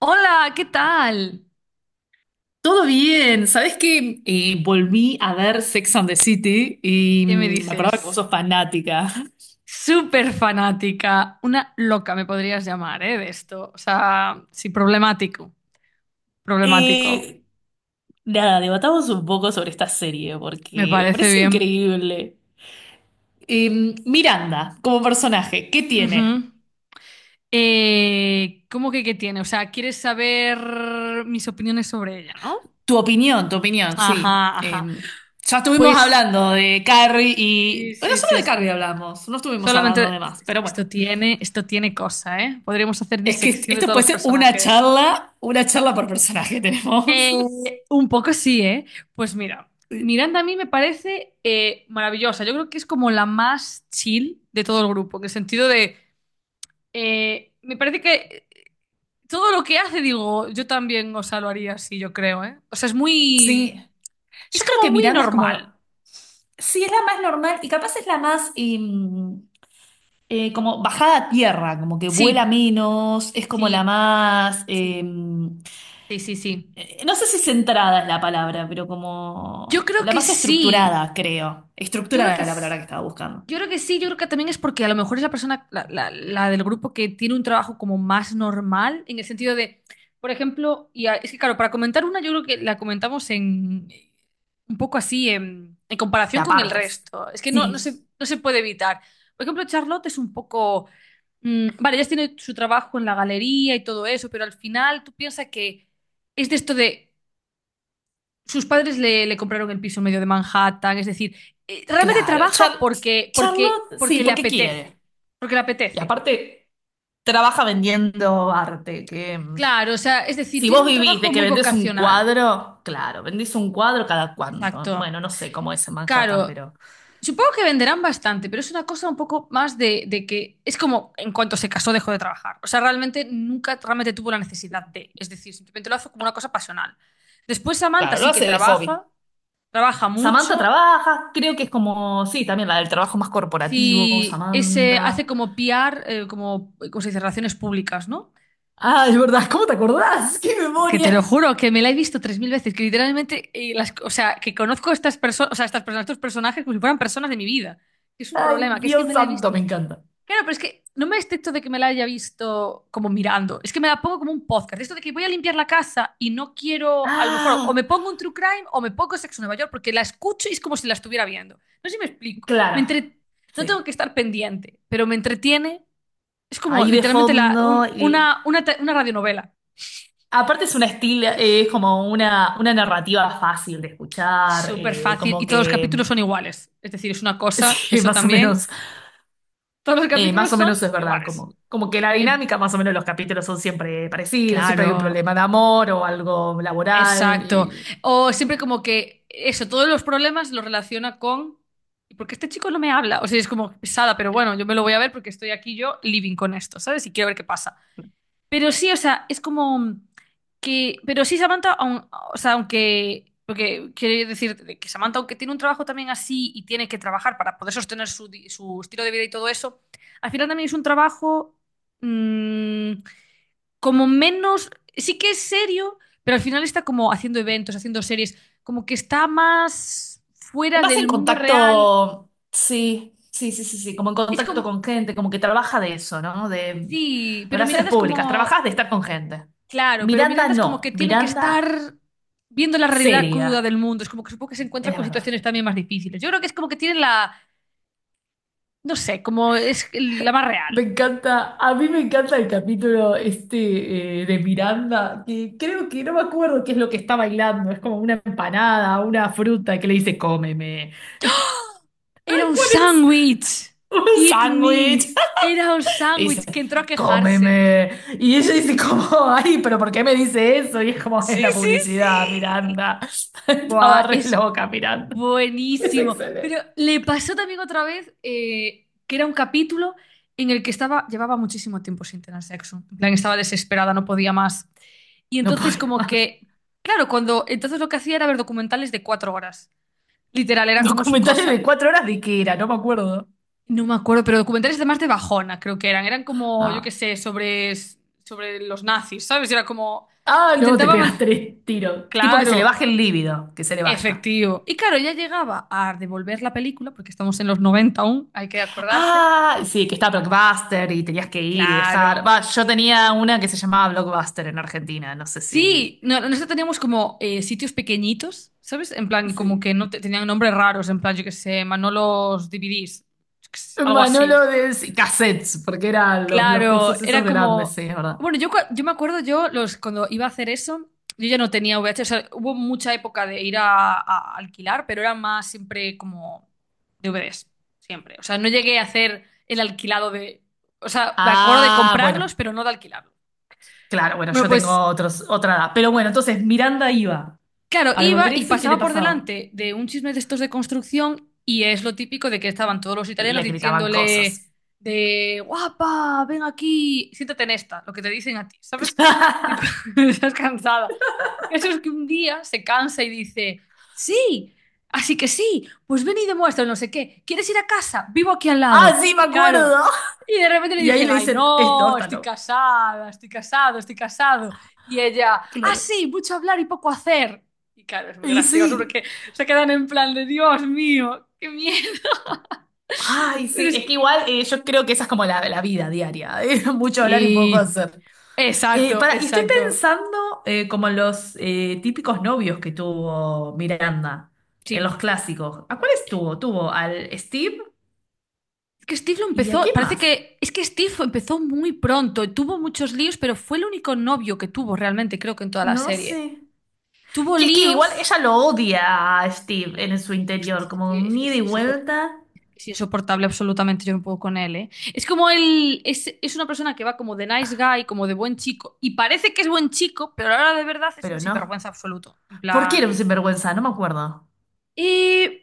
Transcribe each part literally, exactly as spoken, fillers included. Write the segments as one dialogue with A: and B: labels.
A: Hola, ¿qué tal?
B: Todo bien, ¿sabés qué? Eh, volví a ver Sex and the City y
A: ¿Qué me
B: mm, me acordaba que vos
A: dices?
B: sos fanática.
A: Súper fanática, una loca me podrías llamar, ¿eh? De esto. O sea, sí, problemático, problemático.
B: Eh, nada, Debatamos un poco sobre esta serie
A: Me
B: porque me
A: parece
B: parece
A: bien.
B: increíble. Eh, Miranda, como personaje, ¿qué
A: Ujú.
B: tiene?
A: Eh, ¿cómo que qué tiene? O sea, ¿quieres saber mis opiniones sobre ella, no?
B: Tu opinión, tu opinión, sí.
A: Ajá,
B: Eh,
A: ajá.
B: ya estuvimos
A: Pues
B: hablando de Carrie
A: sí,
B: y... Bueno,
A: sí,
B: solo
A: sí,
B: de Carrie
A: sí.
B: hablamos, no estuvimos hablando de
A: Solamente
B: más,
A: es
B: pero
A: que
B: bueno.
A: esto tiene, esto tiene cosa, ¿eh? Podríamos hacer
B: Es que
A: disección de
B: esto
A: todos
B: puede
A: los
B: ser una
A: personajes.
B: charla, una charla por personaje tenemos.
A: Eh, un poco sí, ¿eh? Pues mira,
B: Sí.
A: Miranda a mí me parece eh, maravillosa. Yo creo que es como la más chill de todo el grupo, en el sentido de, eh, me parece que todo lo que hace, digo, yo también, o sea, lo haría así, yo creo, ¿eh? O sea, es
B: Sí,
A: muy, es
B: Yo creo que
A: como muy
B: Miranda es como,
A: normal.
B: sí, es la más normal y capaz es la más eh, eh, como bajada a tierra, como que vuela
A: Sí,
B: menos, es como la
A: sí,
B: más, eh,
A: sí, sí, sí, sí.
B: eh, no sé si centrada es la palabra, pero
A: Yo
B: como
A: creo
B: la
A: que
B: más
A: sí,
B: estructurada, creo.
A: yo creo
B: Estructurada
A: que
B: era la
A: sí.
B: palabra que estaba buscando.
A: Yo creo que sí, yo creo que también es porque a lo mejor es la persona, la, la- la del grupo que tiene un trabajo como más normal, en el sentido de, por ejemplo, y a- es que claro, para comentar una, yo creo que la comentamos en un poco así en, en,
B: De
A: comparación con el
B: apartes.
A: resto. Es que no, no se,
B: Sí,
A: no se puede evitar. Por ejemplo, Charlotte es un poco. Mm, vale, ella tiene su trabajo en la galería y todo eso, pero al final tú piensas que es de esto de sus padres le, le compraron el piso en medio de Manhattan, es decir, eh, realmente
B: claro.
A: trabaja
B: Char-
A: porque, porque,
B: Charlotte, sí,
A: porque le
B: porque quiere.
A: apetece, porque le
B: Y
A: apetece.
B: aparte, trabaja vendiendo arte, que...
A: Claro, o sea, es decir,
B: Si
A: tiene
B: vos
A: un
B: vivís de
A: trabajo
B: que
A: muy
B: vendés un
A: vocacional.
B: cuadro, claro, vendís un cuadro cada cuánto.
A: Exacto.
B: Bueno, no sé cómo es en Manhattan,
A: Claro,
B: pero
A: supongo que venderán bastante, pero es una cosa un poco más de, de que es como en cuanto se casó dejó de trabajar. O sea, realmente nunca realmente tuvo la necesidad de, es decir, simplemente lo hace como una cosa pasional. Después Samantha
B: claro, lo
A: sí que
B: hace de hobby.
A: trabaja, trabaja
B: Samantha
A: mucho.
B: trabaja, creo que es como, sí, también la del trabajo más corporativo,
A: Sí, ese hace
B: Samantha.
A: como P R, eh, como, ¿cómo se dice? Relaciones públicas, ¿no?
B: Ah, es ¿verdad? ¿Cómo te acordás? ¡Qué
A: Es que te lo
B: memoria!
A: juro que me la he visto tres mil veces, que literalmente, eh, las, o sea, que conozco a estas personas, o sea, estas personas, estos personajes como si fueran personas de mi vida. Que es un
B: Ay,
A: problema, que es que
B: Dios
A: me la he
B: santo,
A: visto.
B: me encanta.
A: Claro, pero es que no me excepto de que me la haya visto como mirando. Es que me la pongo como un podcast. Esto de que voy a limpiar la casa y no quiero, a lo mejor, o me
B: Ah,
A: pongo un true crime o me pongo Sexo en Nueva York, porque la escucho y es como si la estuviera viendo. No sé si me explico. Me
B: claro,
A: entre- No tengo
B: sí.
A: que estar pendiente, pero me entretiene. Es como
B: Ahí de
A: literalmente la,
B: fondo
A: un-
B: y
A: una, una, te- una radionovela.
B: aparte es una estilo, eh, es como una, una narrativa fácil de escuchar,
A: Súper
B: eh,
A: fácil y
B: como
A: todos los capítulos
B: que,
A: son iguales. Es decir, es una cosa,
B: sí,
A: eso
B: más o
A: también.
B: menos.
A: Todos los
B: Eh, más
A: capítulos
B: o
A: son
B: menos es verdad,
A: iguales.
B: como, como que la
A: Em,
B: dinámica, más o menos los capítulos son siempre parecidos, siempre hay un
A: claro,
B: problema de amor o algo laboral.
A: exacto.
B: Y...
A: O siempre como que eso, todos los problemas los relaciona con... ¿Y por qué este chico no me habla? O sea, es como pesada, pero bueno, yo me lo voy a ver porque estoy aquí yo living con esto, ¿sabes? Y quiero ver qué pasa. Pero sí, o sea, es como que. Pero sí, Samantha, aun- o sea, aunque. Porque quiero decir que Samantha, aunque tiene un trabajo también así y tiene que trabajar para poder sostener su, di- su estilo de vida y todo eso, al final también es un trabajo mm, como menos. Sí que es serio, pero al final está como haciendo eventos, haciendo series, como que está más fuera
B: Más en
A: del mundo real.
B: contacto, sí, sí, sí, sí, sí, como en
A: Es
B: contacto
A: como.
B: con gente, como que trabaja de eso, ¿no? De
A: Sí, pero
B: relaciones
A: Miranda es
B: públicas, trabajas
A: como.
B: de estar con gente.
A: Claro, pero
B: Miranda
A: Miranda es como
B: no,
A: que tiene que
B: Miranda
A: estar viendo la realidad
B: seria,
A: cruda del mundo. Es como que supongo que se encuentra
B: es
A: con
B: verdad.
A: situaciones también más difíciles. Yo creo que es como que tiene la, no sé, como es la más
B: Me
A: real.
B: encanta, a mí me encanta el capítulo este eh, de Miranda, que creo que no me acuerdo qué es lo que está bailando, es como una empanada, una fruta que le dice cómeme.
A: Era
B: Ay,
A: un
B: ¿cuál es?
A: sándwich.
B: Un
A: Eat me.
B: sándwich.
A: Era un
B: Y dice,
A: sándwich que entró a quejarse.
B: cómeme. Y ella dice como, ay, pero ¿por qué me dice eso? Y es como, es
A: Sí,
B: la
A: sí,
B: publicidad,
A: sí.
B: Miranda. Estaba
A: Buah,
B: re
A: es
B: loca, Miranda. Es
A: buenísimo. Pero
B: excelente.
A: le pasó también otra vez eh, que era un capítulo en el que estaba, llevaba muchísimo tiempo sin tener sexo. En plan, estaba desesperada, no podía más. Y
B: No puedo
A: entonces como
B: más.
A: que, claro, cuando, entonces lo que hacía era ver documentales de cuatro horas. Literal, era como su
B: Documentales de
A: cosa.
B: cuatro horas de qué era, no me acuerdo.
A: No me acuerdo, pero documentales además de Bajona, creo que eran. Eran como, yo qué
B: Ah.
A: sé, sobre, sobre los nazis, ¿sabes? Era como,
B: Ah, no, te
A: intentaba,
B: pegas
A: man-
B: tres tiros. Tipo que se le
A: claro,
B: baje el líbido, que se le vaya.
A: efectivo. Y claro, ya llegaba a devolver la película, porque estamos en los noventa aún, hay que acordarse.
B: Ah, sí, que está Blockbuster y tenías que ir y dejar.
A: Claro,
B: Va, yo tenía una que se llamaba Blockbuster en Argentina, no sé si.
A: sí, no- nosotros teníamos como eh, sitios pequeñitos, ¿sabes? En plan, como
B: Sí.
A: que no te- tenían nombres raros, en plan, yo qué sé, Manolos D V Ds, yo qué sé, algo así.
B: Manolo de sí, cassettes, porque eran los, los
A: Claro,
B: cosos
A: era
B: esos grandes,
A: como...
B: sí, es verdad.
A: Bueno, yo, cua- yo me acuerdo, yo los, cuando iba a hacer eso, yo ya no tenía V H S, o sea, hubo mucha época de ir a, a alquilar, pero era más siempre como D V Ds, siempre. O sea, no llegué a hacer el alquilado de... O sea, me acuerdo de
B: Ah, bueno,
A: comprarlos, pero no de alquilarlos.
B: claro, bueno,
A: Bueno,
B: yo tengo
A: pues
B: otros, otra edad. Pero bueno, entonces Miranda iba
A: claro,
B: a
A: iba
B: devolver
A: y
B: eso y ¿qué le
A: pasaba por
B: pasaba?
A: delante de un chisme de estos de construcción y es lo típico de que estaban todos los italianos
B: Le gritaban
A: diciéndole
B: cosas.
A: de guapa, ven aquí, siéntate en esta, lo que te dicen a ti, ¿sabes? Digo, estás cansada. Y eso es que un día se cansa y dice, sí, así que sí, pues ven y demuestra no sé qué, ¿quieres ir a casa? Vivo aquí al lado.
B: Ah, sí, me
A: Y claro,
B: acuerdo.
A: y de repente le
B: Y ahí
A: dicen,
B: le
A: ay
B: dicen, esto,
A: no,
B: está
A: estoy
B: no.
A: casada, estoy casado, estoy casado. Y ella, ah,
B: Claro.
A: sí, mucho hablar y poco hacer. Y claro, es muy
B: Y
A: gracioso
B: sí.
A: porque se quedan en plan de Dios mío, qué miedo.
B: Ay,
A: Pero
B: sí,
A: es
B: es que
A: que.
B: igual eh, yo creo que esa es como la, la vida diaria, eh, mucho hablar y poco
A: Sí,
B: hacer. Eh,
A: exacto,
B: para, y estoy
A: exacto.
B: pensando eh, como en los eh, típicos novios que tuvo Miranda, en los
A: Sí.
B: clásicos. ¿A cuáles tuvo? Tuvo al Steve
A: Es que Steve lo
B: y ¿a
A: empezó.
B: quién
A: Parece
B: más?
A: que. Es que Steve empezó muy pronto. Tuvo muchos líos, pero fue el único novio que tuvo realmente, creo que en toda la
B: No
A: serie.
B: sé.
A: Tuvo
B: Y es que igual
A: líos.
B: ella lo odia a Steve en su interior,
A: Hostia,
B: como un
A: Es que
B: ida
A: es
B: y
A: que es insopor-
B: vuelta,
A: es insoportable absolutamente, yo no puedo con él, ¿eh? Es como él, es, es una persona que va como de nice guy, como de buen chico, y parece que es buen chico, pero ahora de verdad es un
B: pero no.
A: sinvergüenza absoluto. En
B: ¿Por qué era un
A: plan,
B: sinvergüenza? No me acuerdo.
A: y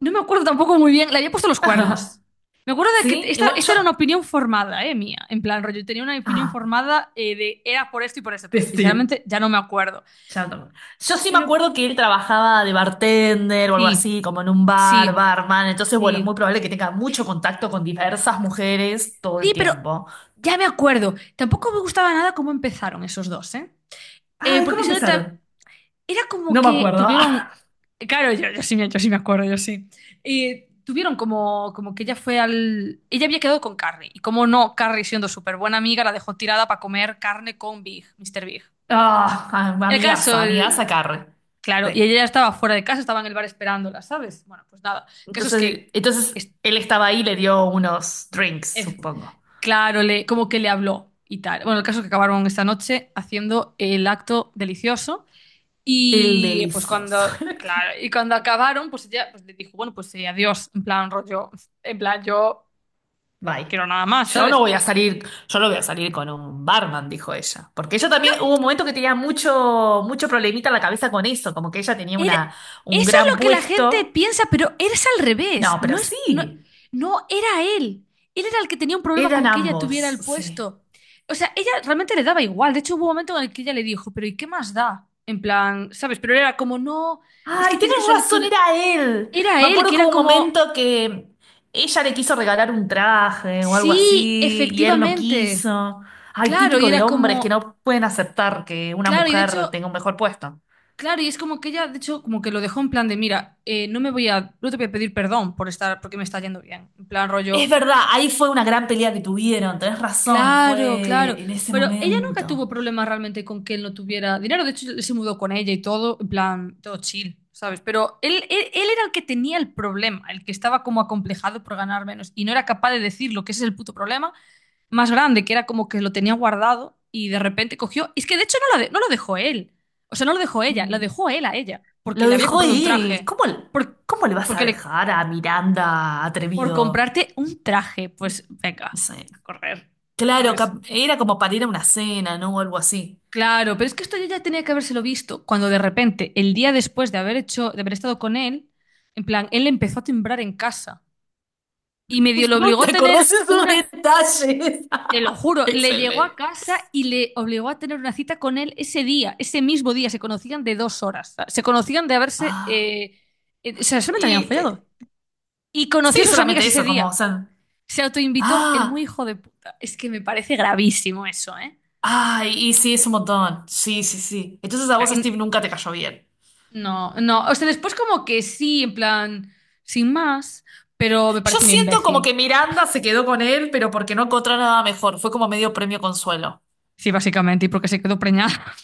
A: no me acuerdo tampoco muy bien, le había puesto los cuernos. Me acuerdo de que
B: Sí,
A: esta,
B: igual
A: esta era una
B: yo...
A: opinión formada, eh, mía. En plan, rollo, tenía una opinión
B: Ah,
A: formada eh, de era por esto y por esto,
B: de
A: pero
B: Steve.
A: sinceramente ya no me acuerdo.
B: Ya no. Yo sí me
A: Pero
B: acuerdo que él trabajaba de bartender o algo
A: sí,
B: así, como en un bar,
A: sí,
B: barman. Entonces, bueno, es muy
A: sí.
B: probable que tenga mucho contacto con diversas mujeres todo el
A: Sí, pero
B: tiempo.
A: ya me acuerdo. Tampoco me gustaba nada cómo empezaron esos dos, ¿eh? Eh,
B: Ay, ¿cómo
A: porque si no te,
B: empezaron?
A: era como
B: No me
A: que
B: acuerdo.
A: tuvieron, claro, yo, yo sí, me- yo sí me acuerdo, yo sí. Eh, tuvieron como, como que ella fue al... Ella había quedado con Carrie. Y como no, Carrie siendo súper buena amiga, la dejó tirada para comer carne con Big, míster Big.
B: Ah,
A: El
B: amigaza,
A: caso,
B: amigaza
A: el-
B: Carre.
A: claro, y
B: Sí.
A: ella ya estaba fuera de casa, estaba en el bar esperándola, ¿sabes? Bueno, pues nada. El caso es que,
B: Entonces, entonces
A: es-
B: él estaba ahí y le dio unos drinks,
A: es-
B: supongo.
A: claro, le, como que le habló y tal. Bueno, el caso es que acabaron esta noche haciendo el acto delicioso.
B: El
A: Y pues
B: delicioso.
A: cuando, claro, y cuando acabaron, pues ella pues, le dijo, bueno, pues eh, adiós, en plan rollo, en plan yo
B: Bye.
A: quiero nada más,
B: Yo no
A: ¿sabes?
B: voy a salir, yo no voy a salir con un barman, dijo ella. Porque ella también hubo un momento que tenía mucho, mucho problemita en la cabeza con eso, como que ella tenía
A: Era-
B: una, un
A: Eso es
B: gran
A: lo que la gente
B: puesto.
A: piensa, pero eres al revés.
B: No,
A: No
B: pero
A: es, no,
B: sí,
A: no era él. Él era el que tenía un problema
B: eran
A: con que ella
B: ambos,
A: tuviera el
B: sí.
A: puesto. O sea, ella realmente le daba igual. De hecho, hubo un momento en el que ella le dijo, pero ¿y qué más da? En plan, ¿sabes? Pero era como, no, es
B: Ay,
A: que tienes
B: tienes
A: que salir con...
B: razón, era él.
A: Era
B: Me
A: él,
B: acuerdo
A: que
B: que hubo
A: era
B: un
A: como,
B: momento que ella le quiso regalar un traje o algo
A: sí,
B: así, y él no
A: efectivamente.
B: quiso. Ay,
A: Claro, y
B: típico de
A: era
B: hombres que
A: como,
B: no pueden aceptar que una
A: claro, y de
B: mujer
A: hecho,
B: tenga un mejor puesto.
A: claro, y es como que ella, de hecho, como que lo dejó en plan de, mira, eh, no me voy a, no te voy a pedir perdón por estar, porque me está yendo bien. En plan
B: Es
A: rollo,
B: verdad, ahí fue una gran pelea que tuvieron, tenés razón,
A: claro, claro.
B: fue en ese
A: Pero ella nunca tuvo
B: momento.
A: problemas realmente con que él no tuviera dinero. De hecho, él se mudó con ella y todo, en plan, todo chill, ¿sabes? Pero él, él, él era el que tenía el problema, el que estaba como acomplejado por ganar menos y no era capaz de decirlo, que ese es el puto problema más grande, que era como que lo tenía guardado y de repente cogió. Es que de hecho no, la de- no lo dejó él. O sea, no lo dejó ella, lo
B: Mm,
A: dejó él a ella. Porque
B: lo
A: le había
B: dejó
A: comprado un
B: él.
A: traje.
B: ¿Cómo,
A: Por,
B: cómo le vas a
A: porque le,
B: dejar a Miranda
A: por
B: atrevido?
A: comprarte un traje, pues venga,
B: No.
A: a correr,
B: Claro,
A: ¿sabes?
B: cap- era como para ir a una cena, ¿no? O algo así.
A: Claro, pero es que esto yo ya tenía que habérselo visto cuando de repente, el día después de haber hecho, de haber estado con él, en plan, él empezó a timbrar en casa y medio lo
B: ¿Cómo
A: obligó a
B: te acordás de
A: tener
B: esos
A: una.
B: detalles?
A: Te lo juro, le llegó a
B: Excelente.
A: casa y le obligó a tener una cita con él ese día, ese mismo día. Se conocían de dos horas. Se conocían de haberse.
B: Ah,
A: Eh, eh, o sea, solamente habían
B: y te-
A: follado. Y conoció a
B: Sí,
A: sus amigas
B: solamente
A: ese
B: eso, como, o
A: día.
B: sea,
A: Se autoinvitó, el muy
B: ah,
A: hijo de puta. Es que me parece gravísimo eso, ¿eh?
B: ay, y sí, es un montón. Sí, sí, sí. Entonces
A: O
B: a
A: sea,
B: vos,
A: y-
B: Steve, nunca te cayó bien.
A: no, no. O sea, después como que sí, en plan, sin más, pero me
B: Yo
A: parece un
B: siento como que
A: imbécil.
B: Miranda se quedó con él, pero porque no encontró nada mejor. Fue como medio premio consuelo.
A: Sí, básicamente, y porque se quedó preñada.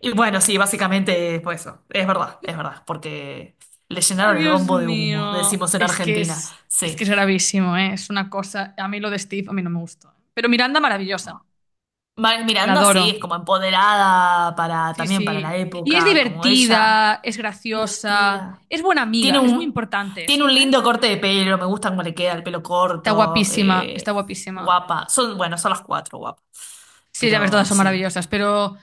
B: Y bueno, sí, básicamente fue eso. Es verdad, es verdad, porque le
A: Ay,
B: llenaron el
A: Dios
B: bombo de humo,
A: mío.
B: decimos en
A: Es que
B: Argentina.
A: es, es
B: Sí.
A: que es gravísimo, ¿eh? Es una cosa. A mí lo de Steve, a mí no me gustó. ¿Eh? Pero Miranda, maravillosa.
B: Ma-
A: La
B: Miranda sí, es
A: adoro.
B: como empoderada para,
A: Sí,
B: también para la
A: sí. Y es
B: época, como ella.
A: divertida, es graciosa,
B: Divertida.
A: es buena
B: Tiene
A: amiga. Es muy
B: un,
A: importante
B: tiene un
A: esto, ¿eh?
B: lindo corte de pelo, me gusta cómo le queda el pelo
A: Está
B: corto.
A: guapísima, está
B: eh,
A: guapísima.
B: guapa. Son, bueno, son las cuatro guapas.
A: Sí, ya ver,
B: Pero
A: todas son
B: sí.
A: maravillosas, pero,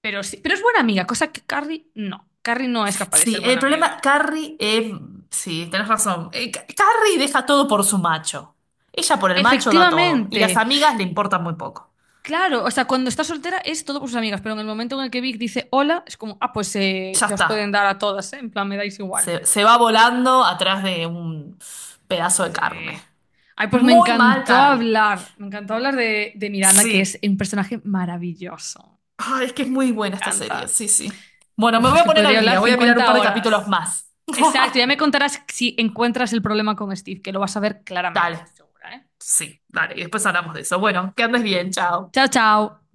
A: pero sí. Pero es buena amiga, cosa que Carrie no. Carrie no es capaz de ser
B: Sí, el
A: buena
B: problema,
A: amiga.
B: Carrie, eh, sí, tenés razón. Eh, Ca- Carrie deja todo por su macho. Ella por el macho da todo. Y las
A: Efectivamente.
B: amigas le importan muy poco.
A: Claro, o sea, cuando está soltera es todo por sus amigas, pero en el momento en el que Vic dice hola, es como, ah, pues eh,
B: Ya
A: ya os pueden
B: está.
A: dar a todas, ¿eh? En plan, me dais igual.
B: Se, se va volando atrás de un pedazo de carne.
A: Sí. Ay, pues me
B: Muy mal,
A: encantó
B: Carrie.
A: hablar, me encantó hablar de, de Miranda, que es
B: Sí.
A: un personaje maravilloso.
B: Ay, es que es muy buena
A: Me
B: esta serie.
A: encanta.
B: Sí, sí. Bueno, me
A: Uf,
B: voy
A: es
B: a
A: que
B: poner
A: podría
B: al
A: hablar
B: día. Voy a mirar un
A: cincuenta
B: par de capítulos
A: horas.
B: más.
A: Exacto, ya me contarás si encuentras el problema con Steve, que lo vas a ver claramente, estoy
B: Dale.
A: segura, ¿eh?
B: Sí, dale. Y después hablamos de eso. Bueno, que andes
A: Y-
B: bien. Chao.
A: Chao, chao.